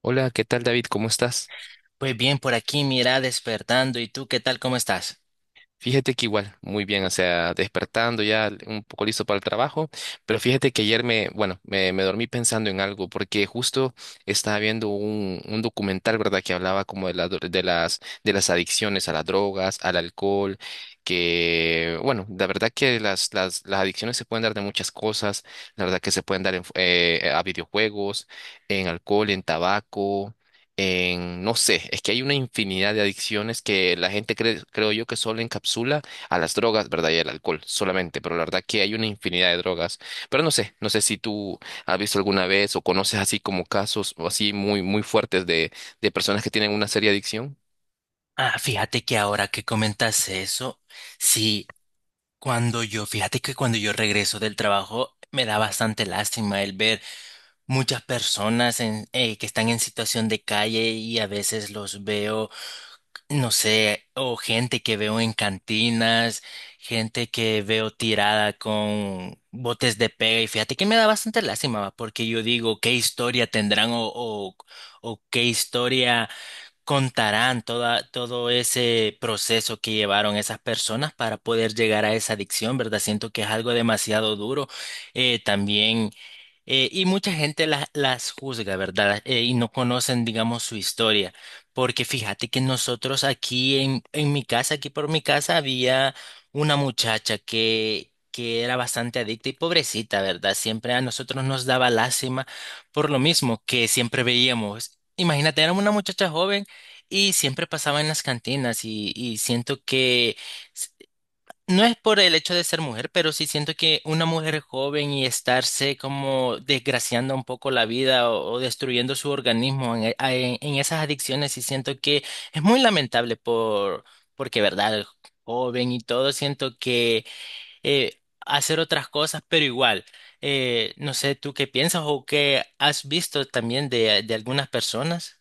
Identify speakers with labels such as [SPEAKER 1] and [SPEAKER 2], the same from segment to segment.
[SPEAKER 1] Hola, ¿qué tal, David? ¿Cómo estás?
[SPEAKER 2] Pues bien, por aquí mira despertando. ¿Y tú qué tal? ¿Cómo estás?
[SPEAKER 1] Fíjate que igual, muy bien, o sea, despertando ya un poco listo para el trabajo, pero fíjate que ayer me, bueno, me dormí pensando en algo, porque justo estaba viendo un documental, ¿verdad? Que hablaba como de, la dro- de las adicciones a las drogas, al alcohol, que, bueno, la verdad que las adicciones se pueden dar de muchas cosas, la verdad que se pueden dar en, fu- a videojuegos, en alcohol, en tabaco, en, no sé, es que hay una infinidad de adicciones que la gente cree, creo yo que solo encapsula a las drogas, ¿verdad? Y al alcohol solamente, pero la verdad que hay una infinidad de drogas. Pero no sé, no sé si tú has visto alguna vez o conoces así como casos o así muy, muy fuertes de personas que tienen una seria adicción.
[SPEAKER 2] Ah, fíjate que ahora que comentas eso, sí, fíjate que cuando yo regreso del trabajo me da bastante lástima el ver muchas personas que están en situación de calle y a veces los veo no sé, o gente que veo en cantinas, gente que veo tirada con botes de pega y fíjate que me da bastante lástima, va, porque yo digo, ¿qué historia tendrán o qué historia todo ese proceso que llevaron esas personas para poder llegar a esa adicción, ¿verdad? Siento que es algo demasiado duro. Eh, también... y mucha gente las juzga, ¿verdad? Y no conocen, digamos, su historia. Porque fíjate que nosotros aquí en mi casa, aquí por mi casa, había una muchacha que era bastante adicta y pobrecita, ¿verdad? Siempre a nosotros nos daba lástima por lo mismo que siempre veíamos. Imagínate, era una muchacha joven y siempre pasaba en las cantinas y siento que... No es por el hecho de ser mujer, pero sí siento que una mujer joven y estarse como desgraciando un poco la vida o destruyendo su organismo en, e- a- en esas adicciones, sí siento que es muy lamentable por, porque, verdad, joven y todo, siento que hacer otras cosas, pero igual, no sé, ¿tú qué piensas o qué has visto también de algunas personas?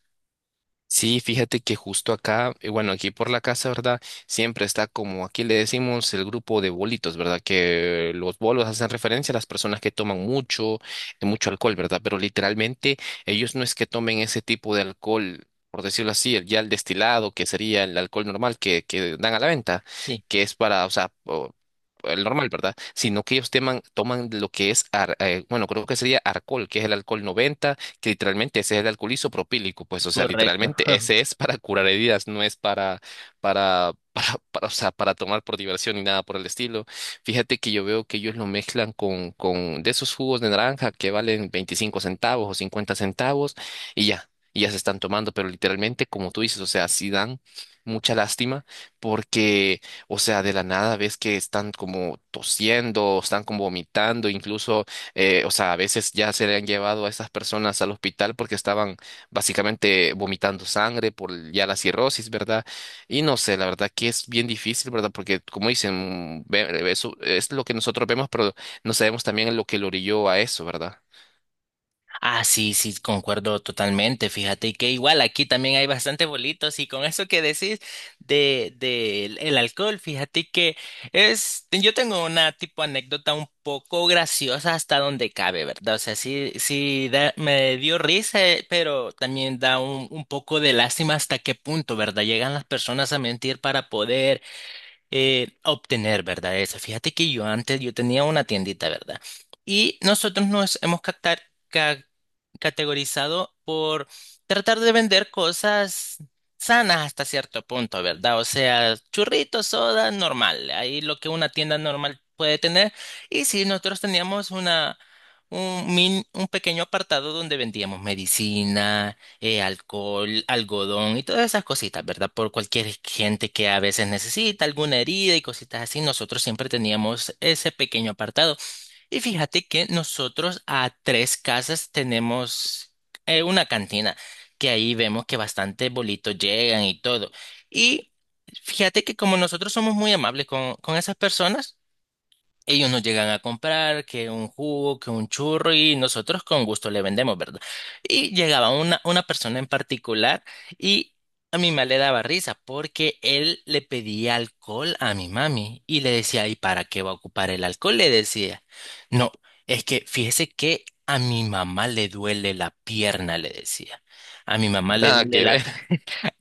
[SPEAKER 1] Sí, fíjate que justo acá, bueno, aquí por la casa, ¿verdad? Siempre está, como aquí le decimos, el grupo de bolitos, ¿verdad? Que los bolos hacen referencia a las personas que toman mucho, mucho alcohol, ¿verdad? Pero literalmente ellos no es que tomen ese tipo de alcohol, por decirlo así, el- ya el destilado, que sería el alcohol normal que dan a la venta,
[SPEAKER 2] Sí,
[SPEAKER 1] que es para, o sea, o- el normal, ¿verdad? Sino que ellos teman- toman lo que es, ar- bueno, creo que sería alcohol, que es el alcohol 90, que literalmente ese es el alcohol isopropílico, pues, o sea,
[SPEAKER 2] correcto.
[SPEAKER 1] literalmente ese es para curar heridas, no es para, para, o sea, para tomar por diversión ni nada por el estilo. Fíjate que yo veo que ellos lo mezclan con de esos jugos de naranja que valen 25 centavos o 50 centavos y ya se están tomando, pero literalmente, como tú dices, o sea, sí dan mucha lástima porque, o sea, de la nada ves que están como tosiendo, están como vomitando, incluso o sea, a veces ya se le han llevado a estas personas al hospital porque estaban básicamente vomitando sangre por el- ya la cirrosis, ¿verdad? Y no sé, la verdad que es bien difícil, ¿verdad? Porque como dicen, ve- eso es lo que nosotros vemos, pero no sabemos también lo que lo orilló a eso, ¿verdad?
[SPEAKER 2] Ah, sí, sí, concuerdo totalmente. Fíjate que igual aquí también hay bastante bolitos y con eso que decís de el alcohol, fíjate que es, yo tengo una tipo anécdota un poco graciosa hasta donde cabe, ¿verdad? O sea, me dio risa, pero también da un poco de lástima hasta qué punto, ¿verdad? Llegan las personas a mentir para poder obtener, ¿verdad? Eso. Fíjate que yo antes, yo tenía una tiendita, ¿verdad? Y nosotros nos hemos ca- categorizado por tratar de vender cosas sanas hasta cierto punto, ¿verdad? O sea, churritos, soda, normal, ahí lo que una tienda normal puede tener. Y sí, nosotros teníamos una... Un pequeño apartado donde vendíamos medicina, alcohol, algodón y todas esas cositas, ¿verdad? Por cualquier gente que a veces necesita alguna herida y cositas así, nosotros siempre teníamos ese pequeño apartado. Y fíjate que nosotros a tres casas tenemos una cantina, que ahí vemos que bastantes bolitos llegan y todo. Y fíjate que como nosotros somos muy amables con esas personas, ellos nos llegan a comprar que un jugo, que un churro y nosotros con gusto le vendemos, ¿verdad? Y llegaba una persona en particular y a mi mamá le daba risa porque él le pedía alcohol a mi mami y le decía, ¿y para qué va a ocupar el alcohol? Le decía, no, es que fíjese que a mi mamá le duele la pierna, le decía. A mi mamá le
[SPEAKER 1] Nada
[SPEAKER 2] duele
[SPEAKER 1] que
[SPEAKER 2] la
[SPEAKER 1] ver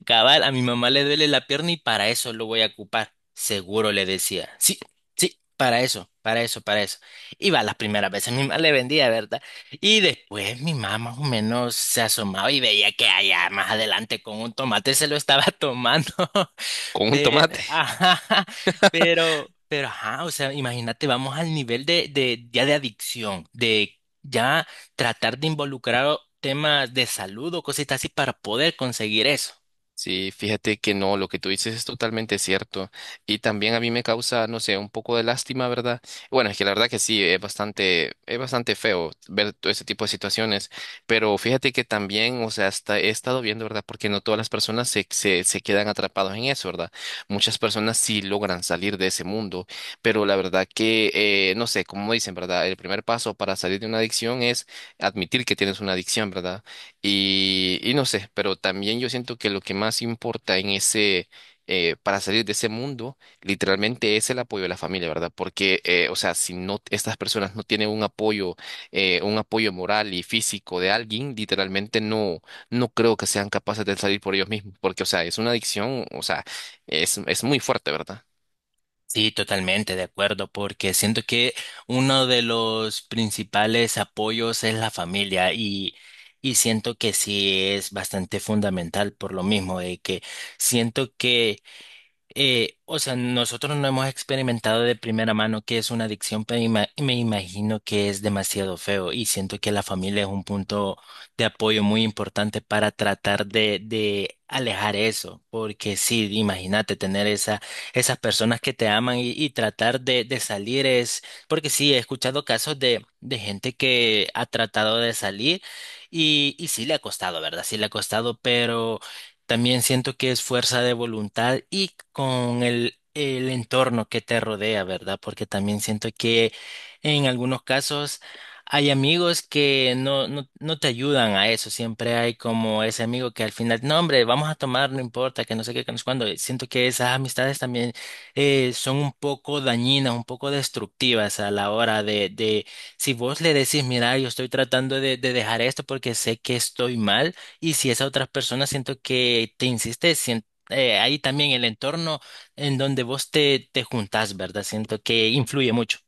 [SPEAKER 2] Cabal, a mi mamá le duele la pierna y para eso lo voy a ocupar. Seguro le decía. Sí, sí, para eso, para eso, para eso. Iba las primeras veces, mi mamá le vendía, ¿verdad? Y después mi mamá más o menos se asomaba y veía que allá más adelante con un tomate se lo estaba tomando.
[SPEAKER 1] con un
[SPEAKER 2] Pero,
[SPEAKER 1] tomate.
[SPEAKER 2] ajá, pero, ajá, o sea, imagínate, vamos al nivel ya de adicción, de ya tratar de involucrar temas de salud o cositas así para poder conseguir eso.
[SPEAKER 1] Sí, fíjate que no, lo que tú dices es totalmente cierto. Y también a mí me causa, no sé, un poco de lástima, ¿verdad? Bueno, es que la verdad que sí, es bastante feo ver todo ese tipo de situaciones. Pero fíjate que también, o sea, hasta he estado viendo, ¿verdad? Porque no todas las personas se quedan atrapados en eso, ¿verdad? Muchas personas sí logran salir de ese mundo. Pero la verdad que, no sé, como dicen, ¿verdad? El primer paso para salir de una adicción es admitir que tienes una adicción, ¿verdad? Y no sé, pero también yo siento que lo que más importa en ese, para salir de ese mundo, literalmente es el apoyo de la familia, ¿verdad? Porque, o sea, si no, estas personas no tienen un apoyo moral y físico de alguien, literalmente no, no creo que sean capaces de salir por ellos mismos, porque, o sea, es una adicción, o sea, es muy fuerte, ¿verdad?
[SPEAKER 2] Sí, totalmente de acuerdo, porque siento que uno de los principales apoyos es la familia y siento que sí es bastante fundamental por lo mismo, de que siento que o sea, nosotros no hemos experimentado de primera mano qué es una adicción, pero me imagino que es demasiado feo y siento que la familia es un punto de apoyo muy importante para tratar de alejar eso, porque sí, imagínate tener esa, esas personas que te aman y tratar de salir es, porque sí, he escuchado casos de gente que ha tratado de salir y sí le ha costado, ¿verdad? Sí le ha costado, pero... También siento que es fuerza de voluntad y con el entorno que te rodea, ¿verdad? Porque también siento que en algunos casos hay amigos que no te ayudan a eso. Siempre hay como ese amigo que al final, no, hombre, vamos a tomar, no importa, que no sé qué, que no sé cuándo. Siento que esas amistades también son un poco dañinas, un poco destructivas a la hora si vos le decís, mira, yo estoy tratando de dejar esto porque sé que estoy mal. Y si esa otra persona siento que te insiste, ahí también el entorno en donde vos te, te juntás, ¿verdad? Siento que influye mucho.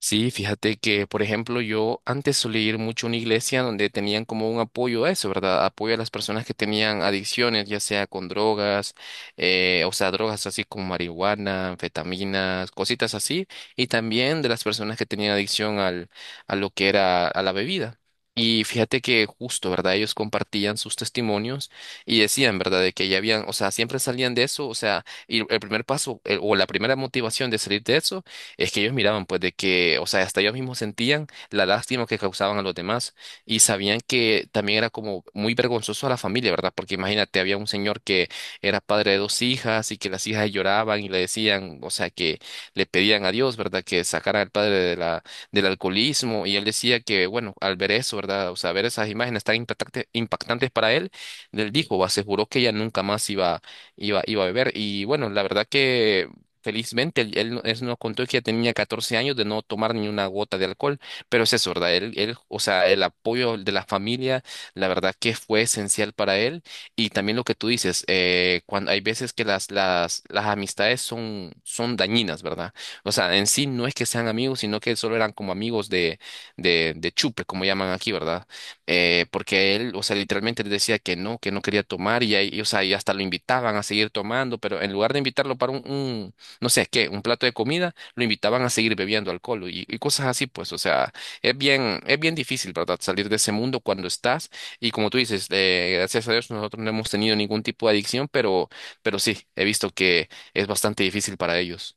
[SPEAKER 1] Sí, fíjate que, por ejemplo, yo antes solía ir mucho a una iglesia donde tenían como un apoyo a eso, ¿verdad? Apoyo a las personas que tenían adicciones, ya sea con drogas, o sea, drogas así como marihuana, anfetaminas, cositas así, y también de las personas que tenían adicción al, a lo que era a la bebida. Y fíjate que justo, ¿verdad? Ellos compartían sus testimonios y decían, ¿verdad? De que ya habían, o sea, siempre salían de eso, o sea, y el primer paso, el- o la primera motivación de salir de eso es que ellos miraban pues de que, o sea, hasta ellos mismos sentían la lástima que causaban a los demás y sabían que también era como muy vergonzoso a la familia, ¿verdad? Porque imagínate, había un señor que era padre de dos hijas y que las hijas lloraban y le decían, o sea, que le pedían a Dios, ¿verdad? Que sacara al padre de la, del alcoholismo y él decía que, bueno, al ver eso, ¿verdad? O sea, ver esas imágenes tan impactante- impactantes para él, él dijo, aseguró que ella nunca más iba, iba a beber y bueno, la verdad que... Felizmente, él no- él nos contó que ya tenía 14 años de no tomar ni una gota de alcohol, pero es eso, ¿verdad? Él, o sea, el apoyo de la familia, la verdad que fue esencial para él. Y también lo que tú dices, cuando hay veces que las amistades son, son dañinas, ¿verdad? O sea, en sí no es que sean amigos, sino que solo eran como amigos de, de chupe, como llaman aquí, ¿verdad? Porque él, o sea, literalmente le decía que no quería tomar y, ahí- y, o sea, y hasta lo invitaban a seguir tomando, pero en lugar de invitarlo para un no sé qué, un plato de comida, lo invitaban a seguir bebiendo alcohol y cosas así, pues, o sea, es bien difícil, ¿verdad? Salir de ese mundo cuando estás, y como tú dices, gracias a Dios nosotros no hemos tenido ningún tipo de adicción, pero sí, he visto que es bastante difícil para ellos.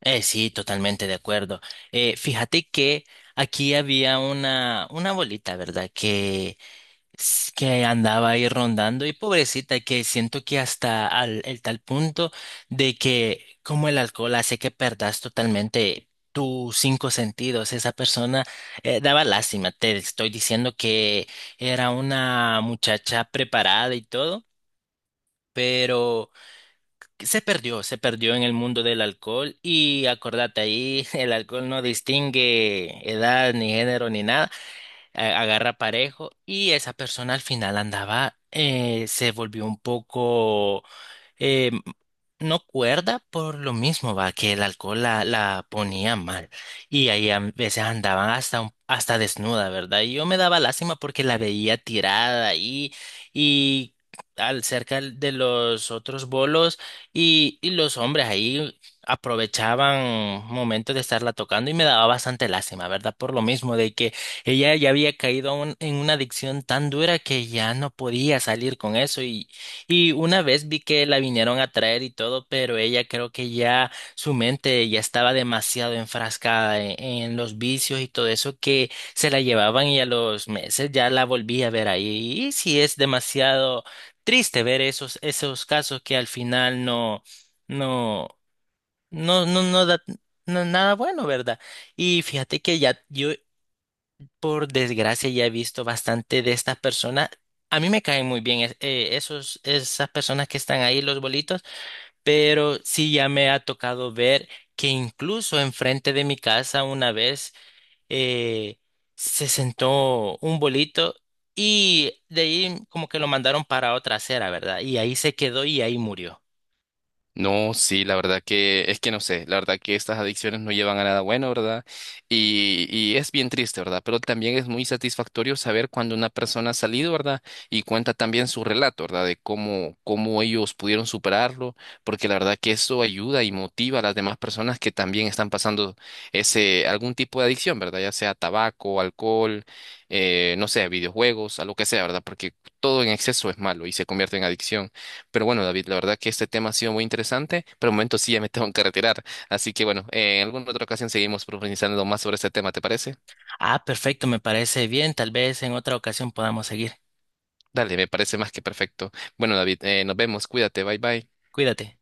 [SPEAKER 2] Sí, totalmente de acuerdo. Fíjate que aquí había una abuelita, ¿verdad? Que es que andaba ahí rondando y pobrecita, que siento que hasta al, el tal punto de que como el alcohol hace que perdas totalmente tus cinco sentidos, esa persona daba lástima, te estoy diciendo que era una muchacha preparada y todo. Pero que se perdió en el mundo del alcohol y acordate ahí, el alcohol no distingue edad ni género ni nada agarra parejo y esa persona al final andaba, se volvió un poco eh, no cuerda por lo mismo, va, que el alcohol la ponía mal. Y ahí a veces andaban hasta desnuda, ¿verdad? Y yo me daba lástima porque la veía tirada ahí y al cerca de los otros bolos y los hombres ahí aprovechaban momentos de estarla tocando y me daba bastante lástima, ¿verdad? Por lo mismo de que ella ya había caído en una adicción tan dura que ya no podía salir con eso y una vez vi que la vinieron a traer y todo, pero ella creo que ya su mente ya estaba demasiado enfrascada en los vicios y todo eso que se la llevaban y a los meses ya la volví a ver ahí. Y sí es demasiado triste ver esos, esos casos que al final no, no da no, nada bueno, ¿verdad? Y fíjate que ya yo por desgracia ya he visto bastante de estas personas. A mí me caen muy bien esas personas que están ahí, los bolitos, pero sí ya me ha tocado ver que incluso enfrente de mi casa una vez eh, se sentó un bolito y de ahí como que lo mandaron para otra acera, ¿verdad? Y ahí se quedó y ahí murió.
[SPEAKER 1] No, sí, la verdad que es que no sé, la verdad que estas adicciones no llevan a nada bueno, ¿verdad? Y es bien triste, ¿verdad? Pero también es muy satisfactorio saber cuando una persona ha salido, ¿verdad? Y cuenta también su relato, ¿verdad? De cómo, cómo ellos pudieron superarlo, porque la verdad que eso ayuda y motiva a las demás personas que también están pasando ese, algún tipo de adicción, ¿verdad? Ya sea tabaco, alcohol, no sé, videojuegos, a lo que sea, ¿verdad? Porque todo en exceso es malo y se convierte en adicción. Pero bueno, David, la verdad que este tema ha sido muy interesante, pero de momento sí ya me tengo que retirar. Así que bueno, en alguna otra ocasión seguimos profundizando más sobre este tema, ¿te parece?
[SPEAKER 2] Ah, perfecto, me parece bien. Tal vez en otra ocasión podamos seguir.
[SPEAKER 1] Dale, me parece más que perfecto. Bueno, David, nos vemos, cuídate, bye bye.
[SPEAKER 2] Cuídate.